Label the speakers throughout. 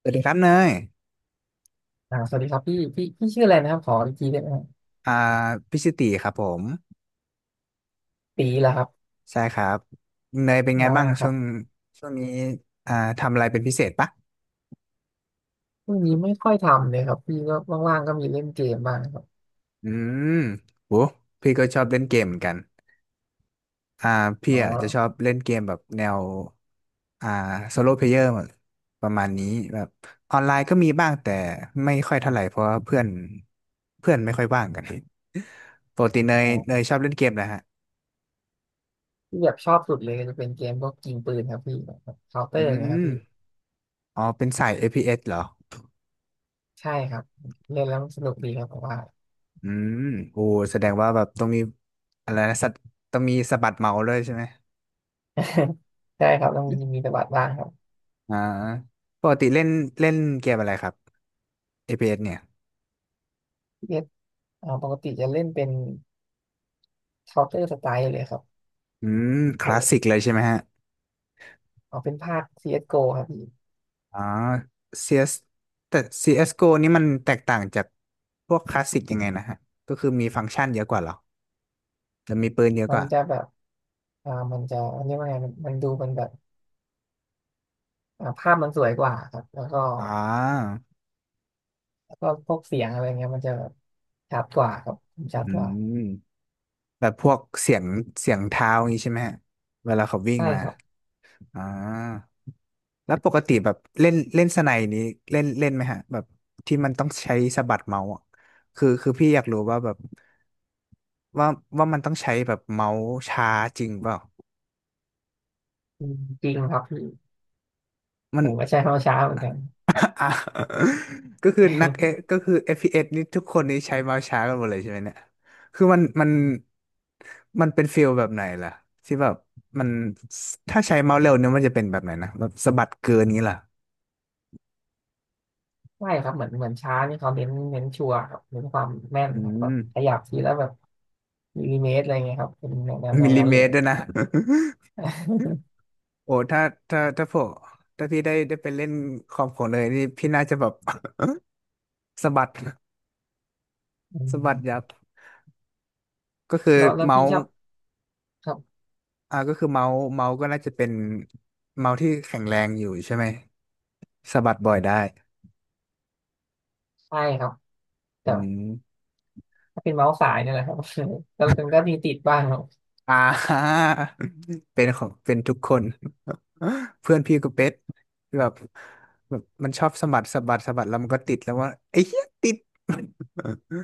Speaker 1: สวัสดีครับเนย
Speaker 2: สวัสดีครับพี่ชื่ออะไรนะครับขออีกทีได้ไหมครับ
Speaker 1: อ่าพิชิติครับผม
Speaker 2: ตีเหรอครับ
Speaker 1: ใช่ครับเนยเป็นไง
Speaker 2: อ่า
Speaker 1: บ้าง
Speaker 2: ครั
Speaker 1: ช่วง
Speaker 2: บ
Speaker 1: ช่วงนี้อ่าทำอะไรเป็นพิเศษปะ
Speaker 2: ช่วงนี้ไม่ค่อยทำเลยครับพี่ก็ว่างๆก็มีเล่นเกมบ้างครับ
Speaker 1: อืมโหพี่ก็ชอบเล่นเกมเหมือนกันอ่าพี่
Speaker 2: อ๋อ
Speaker 1: อ่ะจะชอบเล่นเกมแบบแนวอ่าโซโล่เพลเยอร์ประมาณนี้แบบออนไลน์ก็มีบ้างแต่ไม่ค่อยเท่าไหร่เพราะว่าเพื่อนเพื่อนไม่ค่อยว่างกัน ปกติเนย
Speaker 2: อ๋
Speaker 1: เนย
Speaker 2: อ
Speaker 1: ชอบเล่นเกมนะฮะ
Speaker 2: ที่แบบชอบสุดเลยก็จะเป็นเกมพวกยิงปืนครับพี่แบบเคาน์เตอ
Speaker 1: อื
Speaker 2: ร์นะครับ
Speaker 1: ม
Speaker 2: พี่
Speaker 1: อ๋อเป็นสาย FPS เอสเหรอ
Speaker 2: ใช่ครับเล่นแล้วมันสนุกดีครับผมว่า
Speaker 1: อืมโอ้แสดงว่าแบบต้องมีอะไรนะสัตต้องมีสะบัดเมาส์ด้วยใช่ไหม
Speaker 2: ใช่ครับต้องมีตะบัดบ้างครับ
Speaker 1: อ่าปกติเล่นเล่นเกมอะไรครับ APS เอสเนี่ย
Speaker 2: พี่เอสปกติจะเล่นเป็นเคาน์เตอร์สไตล์เลยครับ
Speaker 1: อืมค
Speaker 2: เอ
Speaker 1: ลาสสิก
Speaker 2: อ
Speaker 1: เลยใช่ไหมฮะ
Speaker 2: เอาเป็นภาค CSGO ครับพี่
Speaker 1: อ๋อ CS แต่ CSGO นี่มันแตกต่างจากพวกคลาสสิกยังไงนะฮะก็คือมีฟังก์ชันเยอะกว่าเหรอจะมีปืนเยอะ
Speaker 2: มั
Speaker 1: ก
Speaker 2: น
Speaker 1: ว่า
Speaker 2: จะแบบมันจะเรียกว่าไงมันดูมันแบบ ภาพมันสวยกว่าครับ แล้วก็
Speaker 1: อ๋อ
Speaker 2: แล้วก็พวกเสียงอะไรเงี้ยมันจะแบบชัดกว่าครับชั
Speaker 1: อื
Speaker 2: ดกว่า
Speaker 1: มแบบพวกเสียงเสียงเท้าอย่างนี้ใช่ไหมฮะเวลาเขาวิ่ง
Speaker 2: ใช่
Speaker 1: มา
Speaker 2: ครับ
Speaker 1: อ่าแล้วปกติแบบเล่นเล่นสไนนี้เล่นเล่นไหมฮะแบบที่มันต้องใช้สะบัดเมาส์อะคือพี่อยากรู้ว่าแบบว่ามันต้องใช้แบบเมาส์ช้าจริงเปล่า
Speaker 2: อืมจริงครับพี่
Speaker 1: มัน
Speaker 2: ผมก็ใช้คำว่าช้าเหมือนกัน
Speaker 1: อ่ะก็คือนักเอ ก็คือAS นี่ทุกคนนี่ใช้เมาส์ช้ากันหมดเลยใช่ไหมเนี่ยคือมันมันเป็นฟีลแบบไหนล่ะที่แบบมันถ้าใช้เมาส์เร็วเนี่ยมันจะเป็นแบบไหนนะแบบสะบัดเกินนี้ล่ะ
Speaker 2: ใช่ครับเหมือนช้านี่เขาเน้นชัวร์ครับเน้นความแม่น
Speaker 1: อื
Speaker 2: ครับแบ
Speaker 1: ม
Speaker 2: บขยับทีแล้วแบบมิลลิเมตรอะไรเงี้ยครับเป็นแนวแนวแน
Speaker 1: มิ
Speaker 2: ว
Speaker 1: ลลิ
Speaker 2: นั้น
Speaker 1: เม
Speaker 2: เลย
Speaker 1: ตร
Speaker 2: ครั
Speaker 1: ด้
Speaker 2: บ
Speaker 1: วยนะ โอ้ถ้าถ้าผมถ้าพี่ได้ไปเล่นคอมผมเลยนี่พี่น่าจะแบบ สะบัด
Speaker 2: อื
Speaker 1: สะบัดยั
Speaker 2: ม
Speaker 1: บก็คือ
Speaker 2: แล้ว
Speaker 1: เมา
Speaker 2: พี่ช
Speaker 1: ส์
Speaker 2: อบครับ
Speaker 1: ก็คือเมาส์ก็น่าจะเป็นเมาส์ที่แข็งแรงอยู่ใช่ไหมสะบัดบ่อยได้
Speaker 2: ใช่ครับ
Speaker 1: อื
Speaker 2: แต่
Speaker 1: ม
Speaker 2: ถ้าเป็นเมาส์สายเนี่ยแหละครับ แล้วมันก็มีติดบ้างครับ
Speaker 1: อ่า เป็นของเป็นทุกคน เพื่อนพี่ก็เป็นแบบแบบมันชอบสะบัดสะบัดสะบัดแล้วมันก็ติดแล้วว่าไอ้เหี้ยติด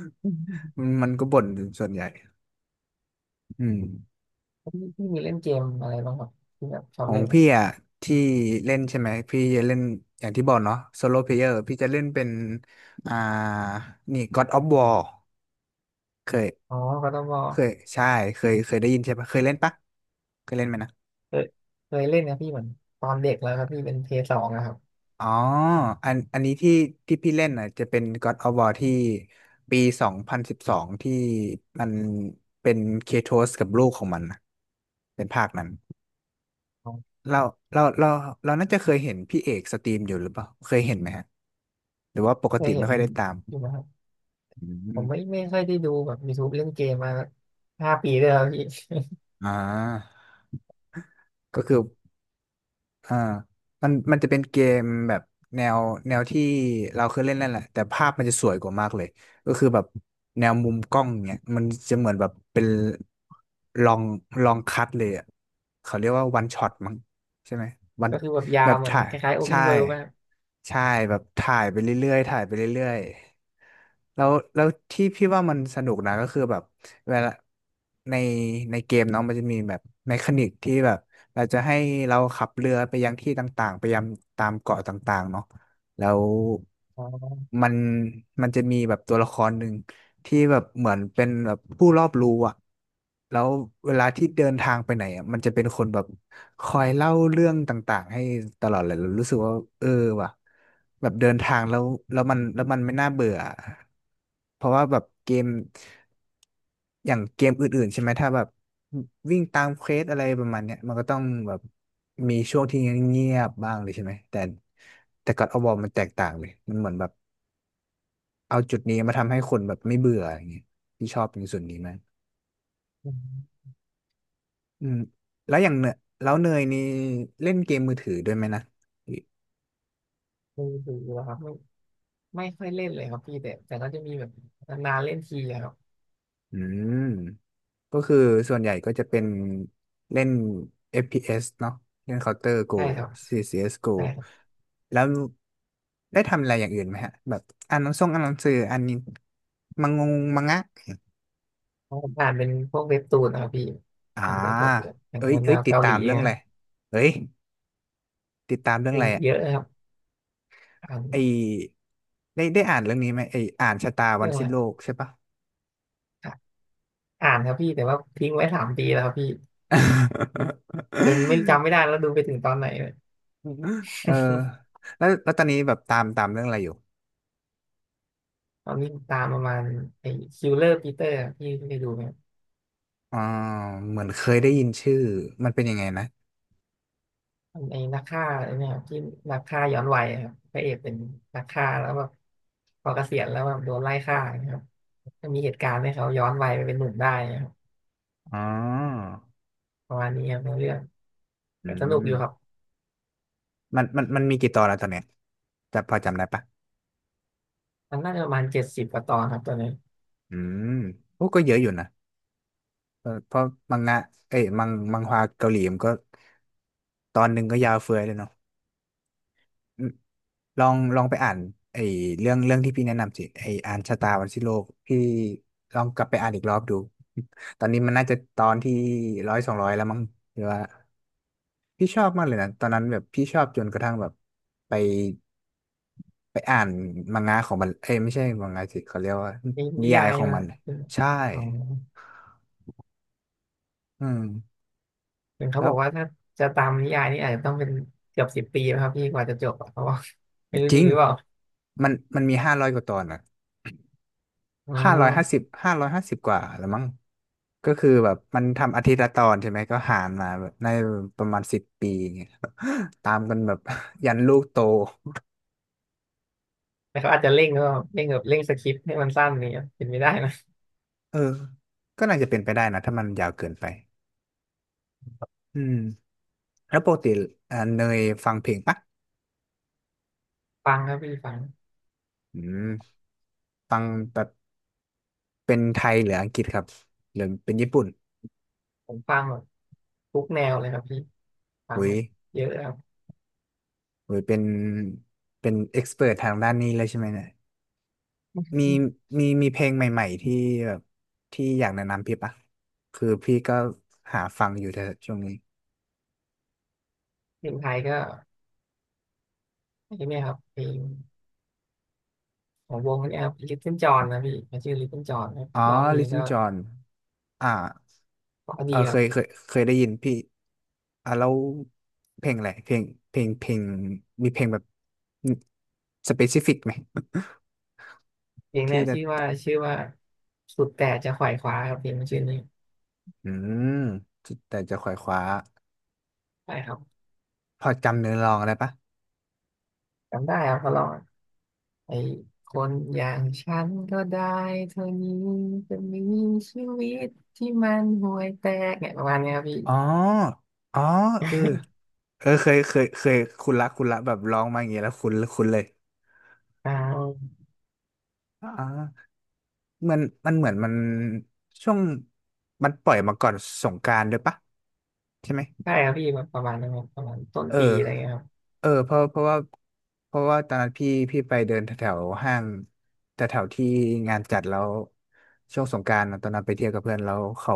Speaker 2: อื ม
Speaker 1: มันก็บ่นส่วนใหญ่อืม
Speaker 2: พี่มีเล่นเกมอะไรบ้างครับที่แบบชอ
Speaker 1: ข
Speaker 2: บ
Speaker 1: อง
Speaker 2: เล่น
Speaker 1: พี่อ่ะที่เล่นใช่ไหมพี่จะเล่นอย่างที่บอกเนาะโซโลเพลเยอร์พี่จะเล่นเป็นอ่านี่ God of War เคย
Speaker 2: อ๋อ God of w
Speaker 1: เคยใช่เคยได้ยินใช่ปะเคยเล่นปะเคยเล่นไหมนะ
Speaker 2: เคยเคยเล่นนะพี่เหมือนตอนเด็กแล้วครับพี่เป็นเพย์สองนะครับ
Speaker 1: อ๋ออันนี้ที่พี่เล่นอ่ะจะเป็น God of War ที่ปี2012ที่มันเป็นเคโทสกับลูกของมันนะเป็นภาคนั้น
Speaker 2: อ๋อ
Speaker 1: เราเราเราเราน่าจะเคยเห็นพี่เอกสตรีมอยู่หรือเปล่าเคยเห็นไหมฮะหรือว่าปก
Speaker 2: เค
Speaker 1: ติ
Speaker 2: ย
Speaker 1: ไม่
Speaker 2: เห็น
Speaker 1: ค่อยได้ตาม
Speaker 2: อยู่นะครับ
Speaker 1: อื
Speaker 2: ผม
Speaker 1: ม
Speaker 2: ไม่ค่อยได้ดูแบบ YouTube เล่นเกมมาห้าปีเลยครับพี่
Speaker 1: อ่าก็คืออ่ามันจะเป็นเกมแบบแนวที่เราเคยเล่นนั่นแหละแต่ภาพมันจะสวยกว่ามากเลยก็คือแบบแนวมุมกล้องเนี่ยมันจะเหมือนแบบเป็นลองคัดเลยอ่ะเขาเรียกว่าวันช็อตมั้งใช่ไหมวั น
Speaker 2: ก็คือแบบยา
Speaker 1: แบ
Speaker 2: ว
Speaker 1: บ
Speaker 2: เหมือน
Speaker 1: ถ่าย
Speaker 2: คล้ายๆ
Speaker 1: ใช่
Speaker 2: Open World มาก
Speaker 1: ใช่แบบถ่ายไปเรื่อยๆถ่ายไปเรื่อยๆแล้วที่พี่ว่ามันสนุกนะก็คือแบบ เวลาในเกมเนาะมันจะมีแบบเมคานิกที่แบบเราจะให้เราขับเรือไปยังที่ต่างๆไปยังตามเกาะต่างๆเนาะแล้ว
Speaker 2: อ๋อ
Speaker 1: มันมันจะมีแบบตัวละครหนึ่งที่แบบเหมือนเป็นแบบผู้รอบรู้อะแล้วเวลาที่เดินทางไปไหนอะมันจะเป็นคนแบบคอยเล่าเรื่องต่างๆให้ตลอดเลยเรารู้สึกว่าเออว่ะแบบเดินทางแล้วแล้วมันไม่น่าเบื่อเพราะว่าแบบเกม อย่างเกมอื่นๆใช่ไหมถ้าแบบวิ่งตามเควสอะไรประมาณเนี้ยมันก็ต้องแบบมีช่วงที่เงียบๆบ้างเลยใช่ไหมแต่แต่ก็อดอวมันแตกต่างเลยมันเหมือนแบบเอาจุดนี้มาทำให้คนแบบไม่เบื่ออย่างเงี้ยที่ชอบในส่วนนี้มาก
Speaker 2: อืม
Speaker 1: อืมแล้วอย่างเนยแล้วเนยนี่เล่นเกมมือถือด้วยไหมนะ
Speaker 2: ไม่ดูแล้วครับไม่ค่อยเล่นเลยครับพี่แต่ก็จะมีแบบนานๆเล่นทีอะครับ
Speaker 1: อืม ก็คือส่วนใหญ่ก็จะเป็นเล่น FPS เอสเนาะเล่น Counter Go
Speaker 2: ใช่ครับ
Speaker 1: CSGO
Speaker 2: ใช่ครับ
Speaker 1: แล้วได้ทำอะไรอย่างอื่นไหมฮะแบบอ่านหนังส่งอ่านหนังสืออ่านนินมังงงมังงะ
Speaker 2: เพราะผมอ่านเป็นพวกเว็บตูนนะครับพี่
Speaker 1: อ่า
Speaker 2: อ่านเป็นพวกแบบอย่าง
Speaker 1: เอ้ย
Speaker 2: แน
Speaker 1: เอ้ย
Speaker 2: ว
Speaker 1: ติด
Speaker 2: เกา
Speaker 1: ตา
Speaker 2: หลี
Speaker 1: มเรื่อง
Speaker 2: นะ
Speaker 1: อะ
Speaker 2: ค
Speaker 1: ไร
Speaker 2: รับ
Speaker 1: เอ้ยติดตามเรื่อง
Speaker 2: มี
Speaker 1: อะไรอ่ะ
Speaker 2: เยอะนะครับอ่าน
Speaker 1: ไอได้อ่านเรื่องนี้ไหมไออ่านชะตาวั
Speaker 2: เรื่
Speaker 1: น
Speaker 2: องอะ
Speaker 1: สิ้
Speaker 2: ไร
Speaker 1: นโลกใช่ปะ
Speaker 2: อ่านครับพี่แต่ว่าทิ้งไว้สามปีแล้วครับพี่จนไม่จำไม่ได้แล้วดูไปถึงตอนไหน เลย
Speaker 1: เออ แล้วตอนนี้แบบตามเรื่องอะไรอยู่
Speaker 2: ตอนนี้ตามประมาณไอ้คิลเลอร์ปีเตอร์พี่ได้ดูไหม
Speaker 1: อ่าเหมือนเคยได้ยินชื่อมันเป็นยังไงนะ
Speaker 2: คนัไอ้นักฆ่าไอ้เนี่ยที่นักฆ่าย้อนวัยครับพระเอกเป็นนักฆ่าแล้วแบบพอเกษียณแล้วแบบโดนไล่ฆ่านะครับก็มีเหตุการณ์ให้เขาย้อนวัยไปเป็นหนุ่มได้นะครับ
Speaker 1: อ๋อ
Speaker 2: ประมาณนี้ครับในเรื่อง
Speaker 1: อื
Speaker 2: แต่สนุกอยู่ครับ
Speaker 1: มมันมีกี่ตอนแล้วตอนเนี้ยจะพอจำได้ปะ
Speaker 2: มันน่าจะประมาณเจ็ดสิบกว่าตอนครับตอนนี้
Speaker 1: อืมโอ้ก็เยอะอยู่นะเพราะมังงะเอ้ยมังฮวาเกาหลีมันก็ตอนหนึ่งก็ยาวเฟือยเลยเนาะอืมลองไปอ่านไอ้เรื่องที่พี่แนะนำสิไอ้อ่านชะตาวันสิ้นโลกพี่ลองกลับไปอ่านอีกรอบดูตอนนี้มันน่าจะตอนที่100 200แล้วมั้งหรือว่า พี่ชอบมากเลยนะตอนนั้นแบบพี่ชอบจนกระทั่งแบบไปไปอ่านมังงะของมันเอ้ยไม่ใช่มังงะสิเขาเรียกว่า
Speaker 2: นี่
Speaker 1: นิ
Speaker 2: นิ
Speaker 1: ยา
Speaker 2: ยา
Speaker 1: ย
Speaker 2: ย
Speaker 1: ของ
Speaker 2: มา
Speaker 1: มันใช่
Speaker 2: อ๋อ
Speaker 1: อืม
Speaker 2: ถึงเขา
Speaker 1: แล้
Speaker 2: บ
Speaker 1: ว
Speaker 2: อกว่าถ้าจะตามนิยายนี่อาจจะต้องเป็นเกือบสิบปีนะครับพี่กว่าจะจบอะเพราะว่า ไม่รู้
Speaker 1: จ
Speaker 2: จ
Speaker 1: ริ
Speaker 2: ริ
Speaker 1: ง
Speaker 2: งหรือเปล่า
Speaker 1: มันมันมี500 กว่าตอนอ่ะ
Speaker 2: อ๋อ
Speaker 1: ห้าร้อยห้าสิบห้าร้อยห้าสิบกว่าแล้วมั้งก็คือแบบมันทำอาทิตย์ละตอนใช่ไหมก็หารมาแบบในประมาณ10 ปีอย่างเงี้ย ตามกันแบบ ยันลูกโต
Speaker 2: แต่เขาอาจจะเร่งก็เร่งแบบเร่งสคริปต์ให้มันสั้นเนี่ยเป็นไม่ได้นะ
Speaker 1: เออก็น่าจะเป็นไปได้นะถ้ามันยาวเกินไปอืม แล้วปกติเนยฟังเพลงปะ
Speaker 2: ฟังครับพี่ฟัง
Speaker 1: อืมฟังแบบเป็นไทยหรืออังกฤษครับหรือเป็นญี่ปุ่น
Speaker 2: ผมฟังแบบทุกแนวเลยครับพี่ฟัง
Speaker 1: อุ้
Speaker 2: แบ
Speaker 1: ย
Speaker 2: บเยอะครับ
Speaker 1: อุ้ยเป็นเป็นเอ็กซ์เพรทางด้านนี้เลยใช่ไหมเนี่ยมีมีเพลงใหม่ๆที่แบบที่อยากแนะนำพี่ปะคือพี่ก็หาฟังอยู่แต่ช่วงนี้
Speaker 2: เพลงไทยก็ใช่ไหมครับเพลงของวงเนี้ครับ Little John นะพี่มันชื่อ Little John ครับ
Speaker 1: อ๋อ
Speaker 2: ร้องเพลง
Speaker 1: Listen
Speaker 2: ก็
Speaker 1: John อ่า
Speaker 2: เพราะ
Speaker 1: เอ
Speaker 2: ดี
Speaker 1: อ
Speaker 2: ค
Speaker 1: เค
Speaker 2: รั
Speaker 1: ยเค
Speaker 2: บ
Speaker 1: ยเคยได้ยินพี่อ่ะแล้วเพลงอะไรเพลงเพลงเพลงมีเพลงแบบสเปซิฟิกไหม
Speaker 2: เพลง
Speaker 1: ที่
Speaker 2: เนี้ย
Speaker 1: จะ
Speaker 2: ชื่อว่าสุดแต่จะขวายคว้าครับเพลงมันชื่อนี้
Speaker 1: อืมจะแต่จะขวายขวา
Speaker 2: ใช่ครับ
Speaker 1: พอจำเนื้อลองอะไรปะ
Speaker 2: จำได้ครับเขาร้อง ไอ้คนอย่างฉันก็ได้เท่านี้จะมีชีวิตที่มันห่วยแตกเนี่ยประมาณเนี้ยครับพี่
Speaker 1: อ๋ออ๋อเออ เออเคยคุณละคุณละแบบร้องมาอย่างเงี้ยแล้วคุณเลย
Speaker 2: อ่า
Speaker 1: อ๋อมันมันเหมือนมันช่วงมันปล่อยมาก่อนสงกรานต์ด้วยปะใช่ไหม
Speaker 2: ใช่ครับพี่แบบประมาณนั้นครับประมาณต้น
Speaker 1: เอ
Speaker 2: ปีอะไร
Speaker 1: อ
Speaker 2: เงี้ยครับ
Speaker 1: เออเพราะว่าตอนนั้นพี่ไปเดินแถวๆห้างแถวๆที่งานจัดแล้วช่วงสงกรานต์อะตอนนั้นไปเที่ยวกับเพื่อนแล้วเขา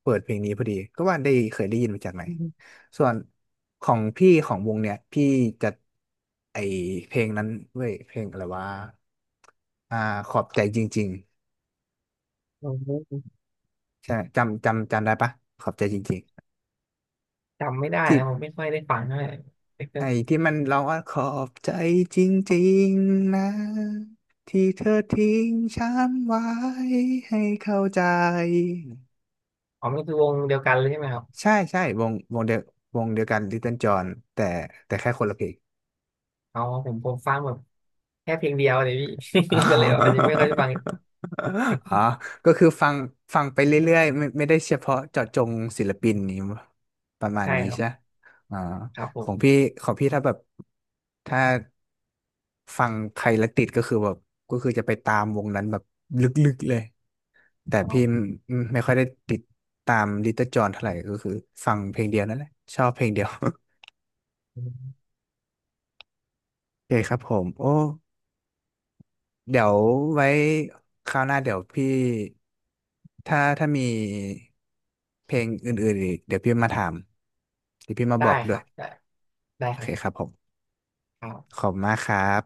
Speaker 1: เปิดเพลงนี้พอดีก็ว่าได้เคยได้ยินมาจากไหน
Speaker 2: อืม
Speaker 1: ส่วนของพี่ของวงเนี่ยพี่จะไอเพลงนั้นเว้ยเพลงอะไรวะอ่าขอบใจจริง
Speaker 2: ผม
Speaker 1: ๆใช่จำได้ปะขอบใจจริง
Speaker 2: จำไม่ได้
Speaker 1: ๆที่
Speaker 2: นะผมไม่ค่อยได้ฟังเท่าไหร่แต่ก็
Speaker 1: ไอ้ที่มันร้องว่าขอบใจจริงๆนะที่เธอทิ้งฉันไว้ให้เข้าใจ
Speaker 2: อ๋อมันคือวงเดียวกันเลยใช่ไหมครับ
Speaker 1: ใช่ใช่วงเดียววงเดียวกัน Little John แต่แต่แค่คนละเพลง
Speaker 2: อ๋อผมฟังแบบแค่เพลงเดียวเลยพี่ ก็เลยแบบอาจจะไม่ค่อยได้ฟัง
Speaker 1: อ๋อ ก็คือฟังไปเรื่อยๆไม่ได้เฉพาะเจาะจงศิลปินนี้ประมาณ
Speaker 2: ใช่
Speaker 1: นี้
Speaker 2: ครั
Speaker 1: ใช่
Speaker 2: บ
Speaker 1: ไหมอ๋อ
Speaker 2: ครับผ
Speaker 1: ขอ
Speaker 2: ม
Speaker 1: งพี่ของพี่ถ้าแบบถ้าฟังใครแล้วติดก็คือแบบก็คือจะไปตามวงนั้นแบบลึกๆเลยแต่
Speaker 2: อ๋อ
Speaker 1: พี่ไม่ไม่ค่อยได้ติดตามลิตเติ้ลจอห์นเท่าไหร่ก็คือฟังเพลงเดียวนั่นแหละชอบเพลงเดียว โอเคครับผมโอ้ เดี๋ยวไว้คราวหน้าเดี๋ยวพี่ถ้ามีเพลงอื่นๆอีกเดี๋ยวพี่มาถามเดี๋ยวพี่มา
Speaker 2: ได้
Speaker 1: บอก
Speaker 2: ค
Speaker 1: ด้ว
Speaker 2: รั
Speaker 1: ย
Speaker 2: บได้ได้
Speaker 1: โอ
Speaker 2: ครั
Speaker 1: เคครั
Speaker 2: บ
Speaker 1: บผม
Speaker 2: ครับ
Speaker 1: ขอบคุณมากครับ